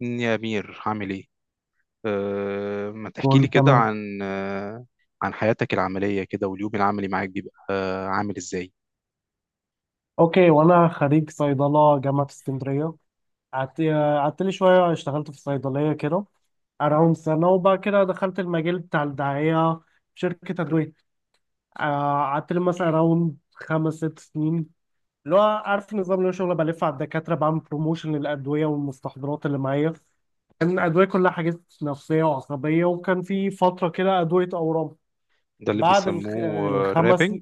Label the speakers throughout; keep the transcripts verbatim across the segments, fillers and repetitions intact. Speaker 1: يا أمير عامل إيه؟ أه ما تحكي لي
Speaker 2: قول
Speaker 1: كده
Speaker 2: تمام.
Speaker 1: عن أه عن حياتك العملية كده واليوم العملي معاك بيبقى أه عامل إزاي؟
Speaker 2: اوكي، وانا خريج صيدله جامعه اسكندريه. قعدت قعدت لي شويه، اشتغلت في صيدليه كده اراوند سنه، وبعد كده دخلت المجال بتاع الدعايه في شركه ادويه. آه، قعدت لي مثلا اراوند خمس ست سنين، اللي هو عارف النظام اللي هو شغل بلف على الدكاتره، بعمل بروموشن للادويه والمستحضرات اللي معايا. كان أدوية كلها حاجات نفسية وعصبية، وكان في فترة كده أدوية أورام.
Speaker 1: ده اللي
Speaker 2: بعد الخ...
Speaker 1: بيسموه آه،
Speaker 2: الخمس،
Speaker 1: رابنج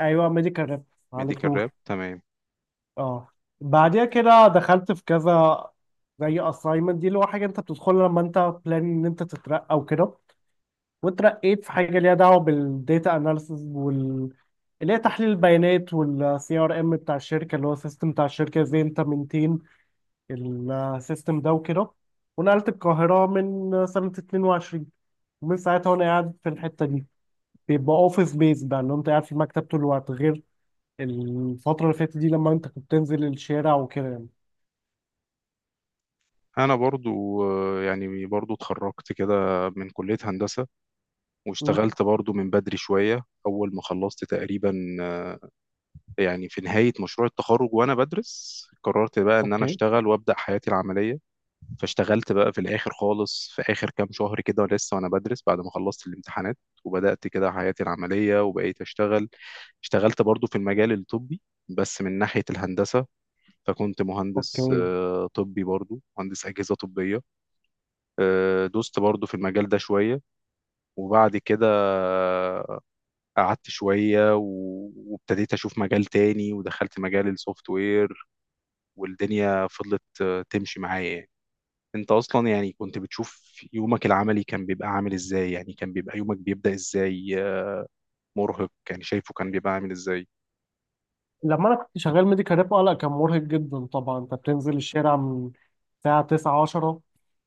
Speaker 2: أيوة، ميديكال ريب، عليك
Speaker 1: ميديكال راب
Speaker 2: نور.
Speaker 1: تمام.
Speaker 2: اه، بعديها كده دخلت في كذا، زي assignment دي اللي هو حاجة انت بتدخلها لما انت plan ان انت تترقى وكده. واترقيت في حاجة ليها دعوة بالديتا اناليسز وال اللي هي تحليل البيانات، والسي ار ام بتاع الشركة اللي هو السيستم بتاع الشركة، ازاي انت منتين السيستم ده وكده. ونقلت القاهرة من سنة اتنين وعشرين، ومن ساعتها وانا قاعد في الحتة دي. بيبقى اوفيس بيز بقى، اللي هو انت قاعد في المكتب طول الوقت، غير الفترة اللي فاتت دي لما انت كنت تنزل الشارع وكده يعني.
Speaker 1: أنا برضو آه، يعني برضو اتخرجت كده من كلية هندسة،
Speaker 2: مم.
Speaker 1: واشتغلت برضو من بدري شوية أول ما خلصت تقريبا. آه، يعني في نهاية مشروع التخرج وأنا بدرس قررت بقى إن أنا
Speaker 2: اوكي.
Speaker 1: أشتغل وأبدأ حياتي العملية. فاشتغلت بقى في الاخر خالص في اخر كام شهر كده لسه وانا بدرس بعد ما خلصت الامتحانات، وبدات كده حياتي العمليه وبقيت اشتغل. اشتغلت برضو في المجال الطبي، بس من ناحيه الهندسه، فكنت مهندس
Speaker 2: اوكي.
Speaker 1: آه، طبي، برضو مهندس اجهزه طبيه. آه، دوست برضو في المجال ده شويه، وبعد كده آه، قعدت شويه و- وابتديت اشوف مجال تاني ودخلت مجال السوفت وير، والدنيا فضلت آه، تمشي معايا يعني. انت اصلا يعني كنت بتشوف يومك العملي كان بيبقى عامل ازاي؟ يعني كان بيبقى يومك بيبدأ ازاي؟ آه، مرهق يعني شايفه كان بيبقى عامل ازاي؟
Speaker 2: لما انا كنت شغال ميديكال ريب، اه لا، كان مرهق جدا طبعا. انت بتنزل الشارع من الساعه تسعة عشرة،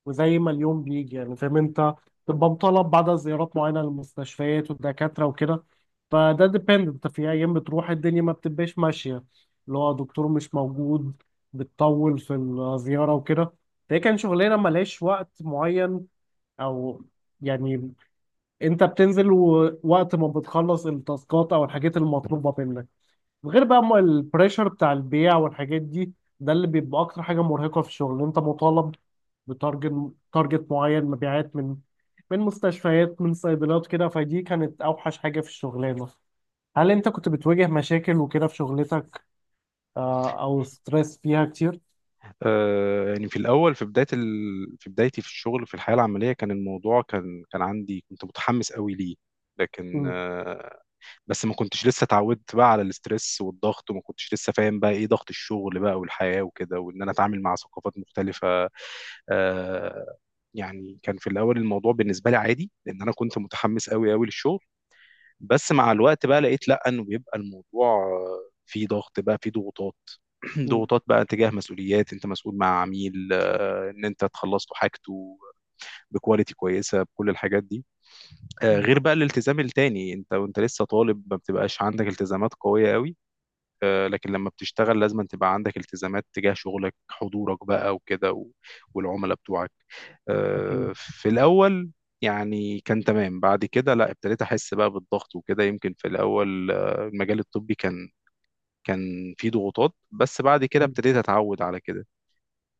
Speaker 2: وزي ما اليوم بيجي يعني، فاهم انت، تبقى مطالب بعد زيارات معينه للمستشفيات والدكاتره وكده. فده ديبند، انت في ايام بتروح الدنيا ما بتبقاش ماشيه، اللي هو دكتور مش موجود، بتطول في الزياره وكده. فهي كان شغلانه ملهاش وقت معين، او يعني انت بتنزل، ووقت ما بتخلص التاسكات او الحاجات المطلوبه منك، غير بقى ما البريشر بتاع البيع والحاجات دي. ده اللي بيبقى اكتر حاجه مرهقه في الشغل، انت مطالب بتارجت، تارجت معين مبيعات من من مستشفيات، من صيدليات كده، فدي كانت اوحش حاجه في الشغلانه. هل انت كنت بتواجه مشاكل وكده في شغلتك؟ آه، او ستريس فيها كتير؟
Speaker 1: آه يعني في الاول في بداية ال... في بدايتي في الشغل في الحياة العملية كان الموضوع كان كان عندي، كنت متحمس قوي ليه، لكن
Speaker 2: مم.
Speaker 1: آه، بس ما كنتش لسه اتعودت بقى على الاسترس والضغط، وما كنتش لسه فاهم بقى ايه ضغط الشغل بقى والحياة وكده، وان انا اتعامل مع ثقافات مختلفة. آه، يعني كان في الاول الموضوع بالنسبة لي عادي لان انا كنت متحمس قوي قوي للشغل. بس مع الوقت بقى لقيت لا، انه بيبقى الموضوع في ضغط بقى، في ضغوطات.
Speaker 2: مم.
Speaker 1: ضغوطات بقى تجاه مسؤوليات، انت مسؤول مع عميل آه، ان انت تخلص له حاجته بكواليتي كويسه، بكل الحاجات دي. آه،
Speaker 2: مم.
Speaker 1: غير بقى الالتزام التاني، انت وانت لسه طالب ما بتبقاش عندك التزامات قويه قوي، آه، لكن لما بتشتغل لازم أن تبقى عندك التزامات تجاه شغلك، حضورك بقى وكده و- والعملاء بتوعك. آه،
Speaker 2: اكيد.
Speaker 1: في الاول يعني كان تمام، بعد كده لا، ابتديت احس بقى بالضغط وكده. يمكن في الاول آه، المجال الطبي كان كان فيه ضغوطات، بس بعد كده ابتديت اتعود على كده.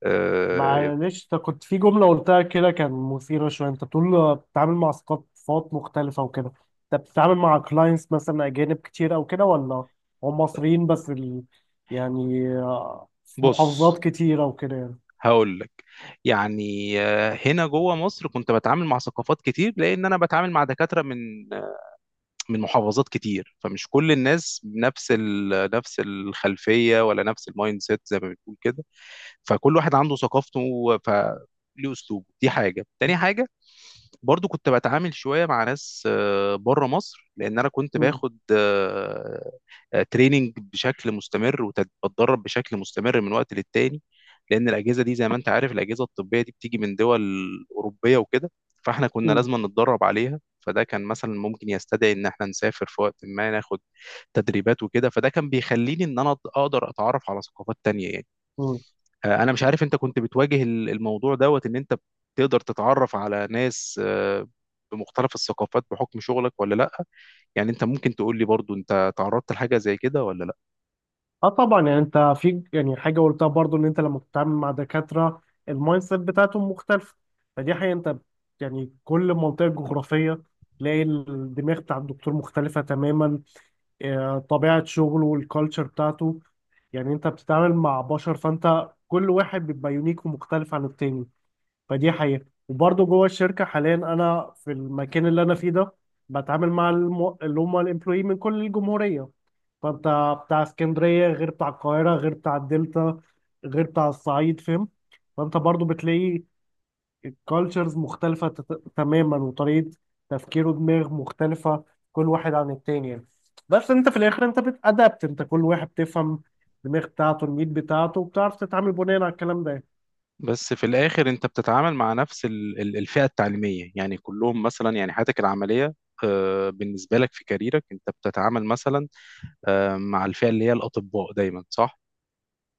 Speaker 1: آه،
Speaker 2: معلش، انت كنت في جملة قلتها كده، كان مثيرة شوية. انت بتقول بتتعامل مع ثقافات مختلفة وكده، انت بتتعامل مع كلاينتس مثلا أجانب كتير أو كده، ولا هم مصريين بس ال... يعني آه، في
Speaker 1: بص
Speaker 2: محافظات كتيرة وكده يعني.
Speaker 1: هقول لك. يعني آه، هنا جوه مصر كنت بتعامل مع ثقافات كتير، لان انا بتعامل مع دكاتره من من محافظات كتير، فمش كل الناس نفس ال... نفس الخلفيه ولا نفس المايند سيت زي ما بتقول كده. فكل واحد عنده ثقافته، ف ليه اسلوبه، دي حاجه تاني حاجه. برضو كنت بتعامل شويه مع ناس آه، بره مصر، لان انا كنت
Speaker 2: مم.
Speaker 1: باخد آه، آه، تريننج بشكل مستمر وبتدرب بشكل مستمر من وقت للتاني، لان الاجهزه دي زي ما انت عارف الاجهزه الطبيه دي بتيجي من دول اوروبيه وكده، فاحنا كنا
Speaker 2: مم.
Speaker 1: لازم نتدرب عليها. فده كان مثلا ممكن يستدعي ان احنا نسافر في وقت ما ناخد تدريبات وكده، فده كان بيخليني ان انا اقدر اتعرف على ثقافات تانية يعني.
Speaker 2: مم.
Speaker 1: آه، انا مش عارف انت كنت بتواجه ال- الموضوع دوت ان انت تقدر تتعرف على ناس آه، بمختلف الثقافات بحكم شغلك ولا لا؟ يعني انت ممكن تقول لي برضو انت تعرضت لحاجة زي كده ولا لا؟
Speaker 2: اه طبعا، يعني انت في، يعني حاجه قلتها برضو، ان انت لما بتتعامل مع دكاتره، المايند سيت بتاعتهم مختلفه، فدي حقيقه. انت يعني كل منطقه جغرافيه تلاقي الدماغ بتاع الدكتور مختلفه تماما، آه، طبيعه شغله والكالتشر بتاعته. يعني انت بتتعامل مع بشر، فانت كل واحد بيبقى يونيك ومختلف عن التاني، فدي حقيقه. وبرضو جوه الشركه حاليا، انا في المكان اللي انا فيه ده، بتعامل مع الم- اللي هم الامبلوي من كل الجمهوريه. فانت بتاع اسكندريه غير بتاع القاهره غير بتاع الدلتا غير بتاع الصعيد، فاهم؟ فانت برضو بتلاقي الكالتشرز مختلفه تت- تماما، وطريقه تفكير ودماغ مختلفه كل واحد عن التاني يعني. بس انت في الاخر انت بتأدبت، انت كل واحد بتفهم الدماغ بتاعته، الميت بتاعته، وبتعرف تتعامل بناء على الكلام ده.
Speaker 1: بس في الاخر انت بتتعامل مع نفس ال- ال- الفئه التعليميه، يعني كلهم مثلا. يعني حياتك العمليه آه، بالنسبه لك في كاريرك انت بتتعامل مثلا آه، مع الفئه اللي هي الاطباء دايما، صح؟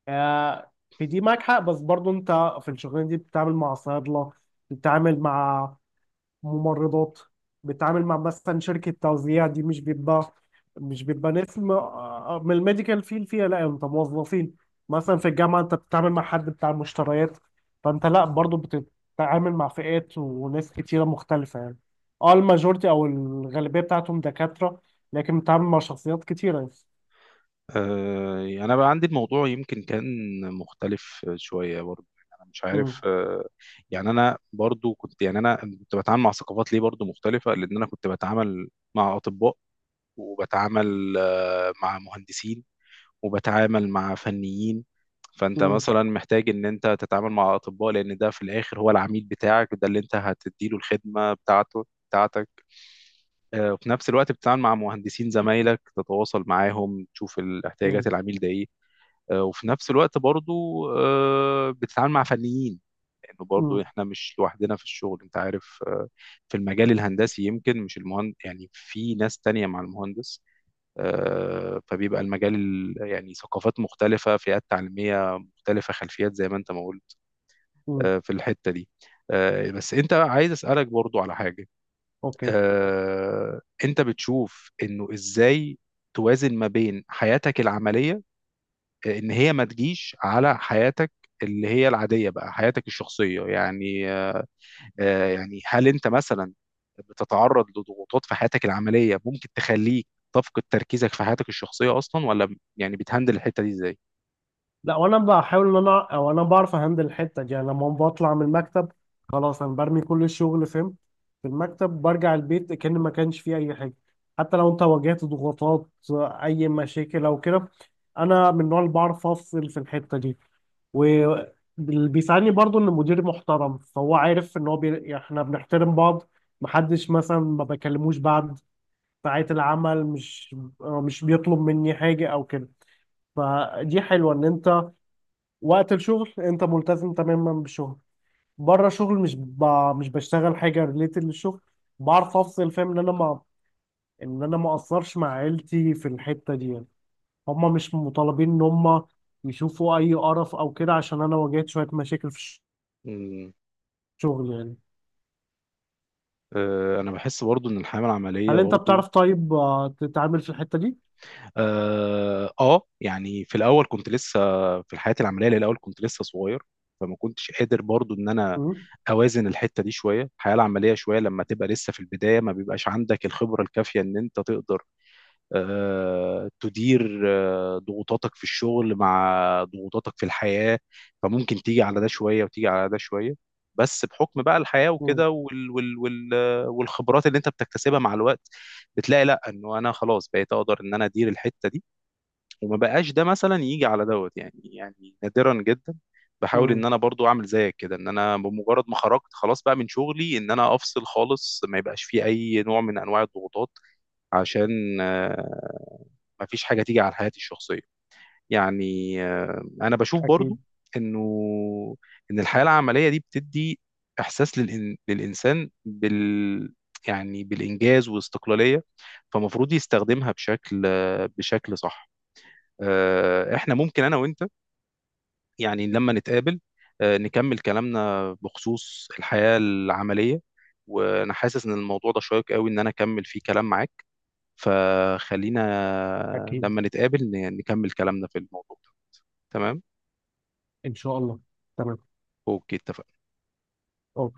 Speaker 2: آه، في دي معاك حق، بس برضو انت في الشغلانه دي بتتعامل مع صيادله، بتتعامل مع ممرضات، بتتعامل مع مثلا شركة توزيع، دي مش بيبقى مش بيبقى ناس م- آه، من الميديكال فيل فيها، لا انت موظفين. مثلا في الجامعة انت بتتعامل مع حد بتاع مشتريات، فانت لا، برضو بتتعامل مع فئات وناس كتيرة مختلفة يعني. اه، الماجورتي او الغالبية بتاعتهم دكاترة، لكن بتتعامل مع شخصيات كتيرة يعني.
Speaker 1: آه، انا بقى عندي الموضوع يمكن كان مختلف شويه برضه. يعني انا مش عارف
Speaker 2: امم.
Speaker 1: آه، يعني انا برضو كنت، يعني انا كنت بتعامل مع ثقافات ليه برضو مختلفه، لان انا كنت بتعامل مع اطباء، وبتعامل آه، مع مهندسين، وبتعامل مع فنيين. فانت
Speaker 2: امم.
Speaker 1: مثلا محتاج ان انت تتعامل مع اطباء لان ده في الاخر هو العميل بتاعك، ده اللي انت هتديله الخدمه بتاعته بتاعتك. آه، وفي نفس الوقت بتتعامل مع مهندسين زمايلك تتواصل معاهم تشوف ال- احتياجات
Speaker 2: امم.
Speaker 1: العميل ده ايه. آه، وفي نفس الوقت برضو آه، بتتعامل مع فنيين، لانه برضو احنا مش لوحدنا في الشغل، انت عارف. آه، في المجال الهندسي يمكن مش المهندس يعني، في ناس تانية مع المهندس. آه، فبيبقى المجال ال- يعني ثقافات مختلفة، فئات تعليمية مختلفة، خلفيات زي ما انت ما قلت.
Speaker 2: امم.
Speaker 1: آه، في الحتة دي آه، بس انت عايز اسألك برضو على حاجة.
Speaker 2: اوكي.
Speaker 1: آه، انت بتشوف انه ازاي توازن ما بين حياتك العملية آه، ان هي ما تجيش على حياتك اللي هي العادية بقى، حياتك الشخصية يعني. آه، يعني هل انت مثلا بتتعرض لضغوطات في حياتك العمليه ممكن تخليك تفقد تركيزك في حياتك الشخصيه اصلا، ولا يعني بتهندل الحته دي ازاي؟
Speaker 2: لا، وانا بحاول ان انا، او انا بعرف اهندل الحته دي. يعني لما بطلع من المكتب، خلاص، انا برمي كل الشغل فين؟ في المكتب، برجع البيت كأن ما كانش فيه اي حاجه، حتى لو انت واجهت ضغوطات، اي مشاكل او كده. انا من النوع اللي بعرف افصل في الحته دي. واللي بيساعدني برضو ان المدير محترم، فهو عارف ان هو بي... يعني احنا بنحترم بعض، محدش مثلا ما بكلموش بعد ساعات العمل، مش مش بيطلب مني حاجه او كده. فدي حلوه، ان انت وقت الشغل انت ملتزم تماما بالشغل، بره الشغل مش ب... مش بشتغل حاجه ريليتد للشغل. بعرف افصل، فاهم؟ ان انا ما ان انا ما اقصرش مع عيلتي في الحته دي يعني. هم مش مطالبين ان هم يشوفوا اي قرف او كده عشان انا واجهت شويه مشاكل في
Speaker 1: مم.
Speaker 2: الشغل يعني.
Speaker 1: آه، انا بحس برضو ان الحياه العمليه
Speaker 2: هل انت
Speaker 1: برضو
Speaker 2: بتعرف طيب آه، تتعامل في الحته دي؟
Speaker 1: اه آه، يعني في الاول كنت لسه، في الحياه العمليه الاول كنت لسه صغير، فما كنتش قادر برضو ان انا
Speaker 2: امم.
Speaker 1: اوازن الحته دي شويه، الحياه العمليه شويه. لما تبقى لسه في البدايه ما بيبقاش عندك الخبره الكافيه ان انت تقدر آه، تدير آه، ضغوطاتك في الشغل مع ضغوطاتك في الحياة، فممكن تيجي على ده شوية وتيجي على ده شوية. بس بحكم بقى الحياة
Speaker 2: امم.
Speaker 1: وكده، وال وال وال آه، والخبرات اللي انت بتكتسبها مع الوقت، بتلاقي لا، انه انا خلاص بقيت اقدر ان انا ادير الحتة دي، وما بقاش ده مثلا يجي على دوت يعني، يعني نادرا جدا. بحاول ان
Speaker 2: امم
Speaker 1: انا برضو اعمل زيك كده، ان انا بمجرد ما خرجت خلاص بقى من شغلي ان انا افصل خالص، ما يبقاش فيه اي نوع من انواع الضغوطات، عشان آه، مفيش حاجة تيجي على حياتي الشخصية. يعني آه، أنا بشوف برضو
Speaker 2: اكيد
Speaker 1: إنه إن الحياة العملية دي بتدي إحساس للإن... للإنسان بال، يعني بالإنجاز والاستقلالية، فمفروض يستخدمها بشكل آه، بشكل صح. آه، إحنا ممكن أنا وأنت يعني لما نتقابل آه، نكمل كلامنا بخصوص الحياة العملية، وأنا حاسس إن الموضوع ده شيق قوي إن أنا أكمل فيه كلام معاك، فخلينا
Speaker 2: اكيد.
Speaker 1: لما نتقابل ن- نكمل كلامنا في الموضوع ده. تمام.
Speaker 2: ان شاء الله. تمام.
Speaker 1: اوكي اتفقنا.
Speaker 2: اوكي.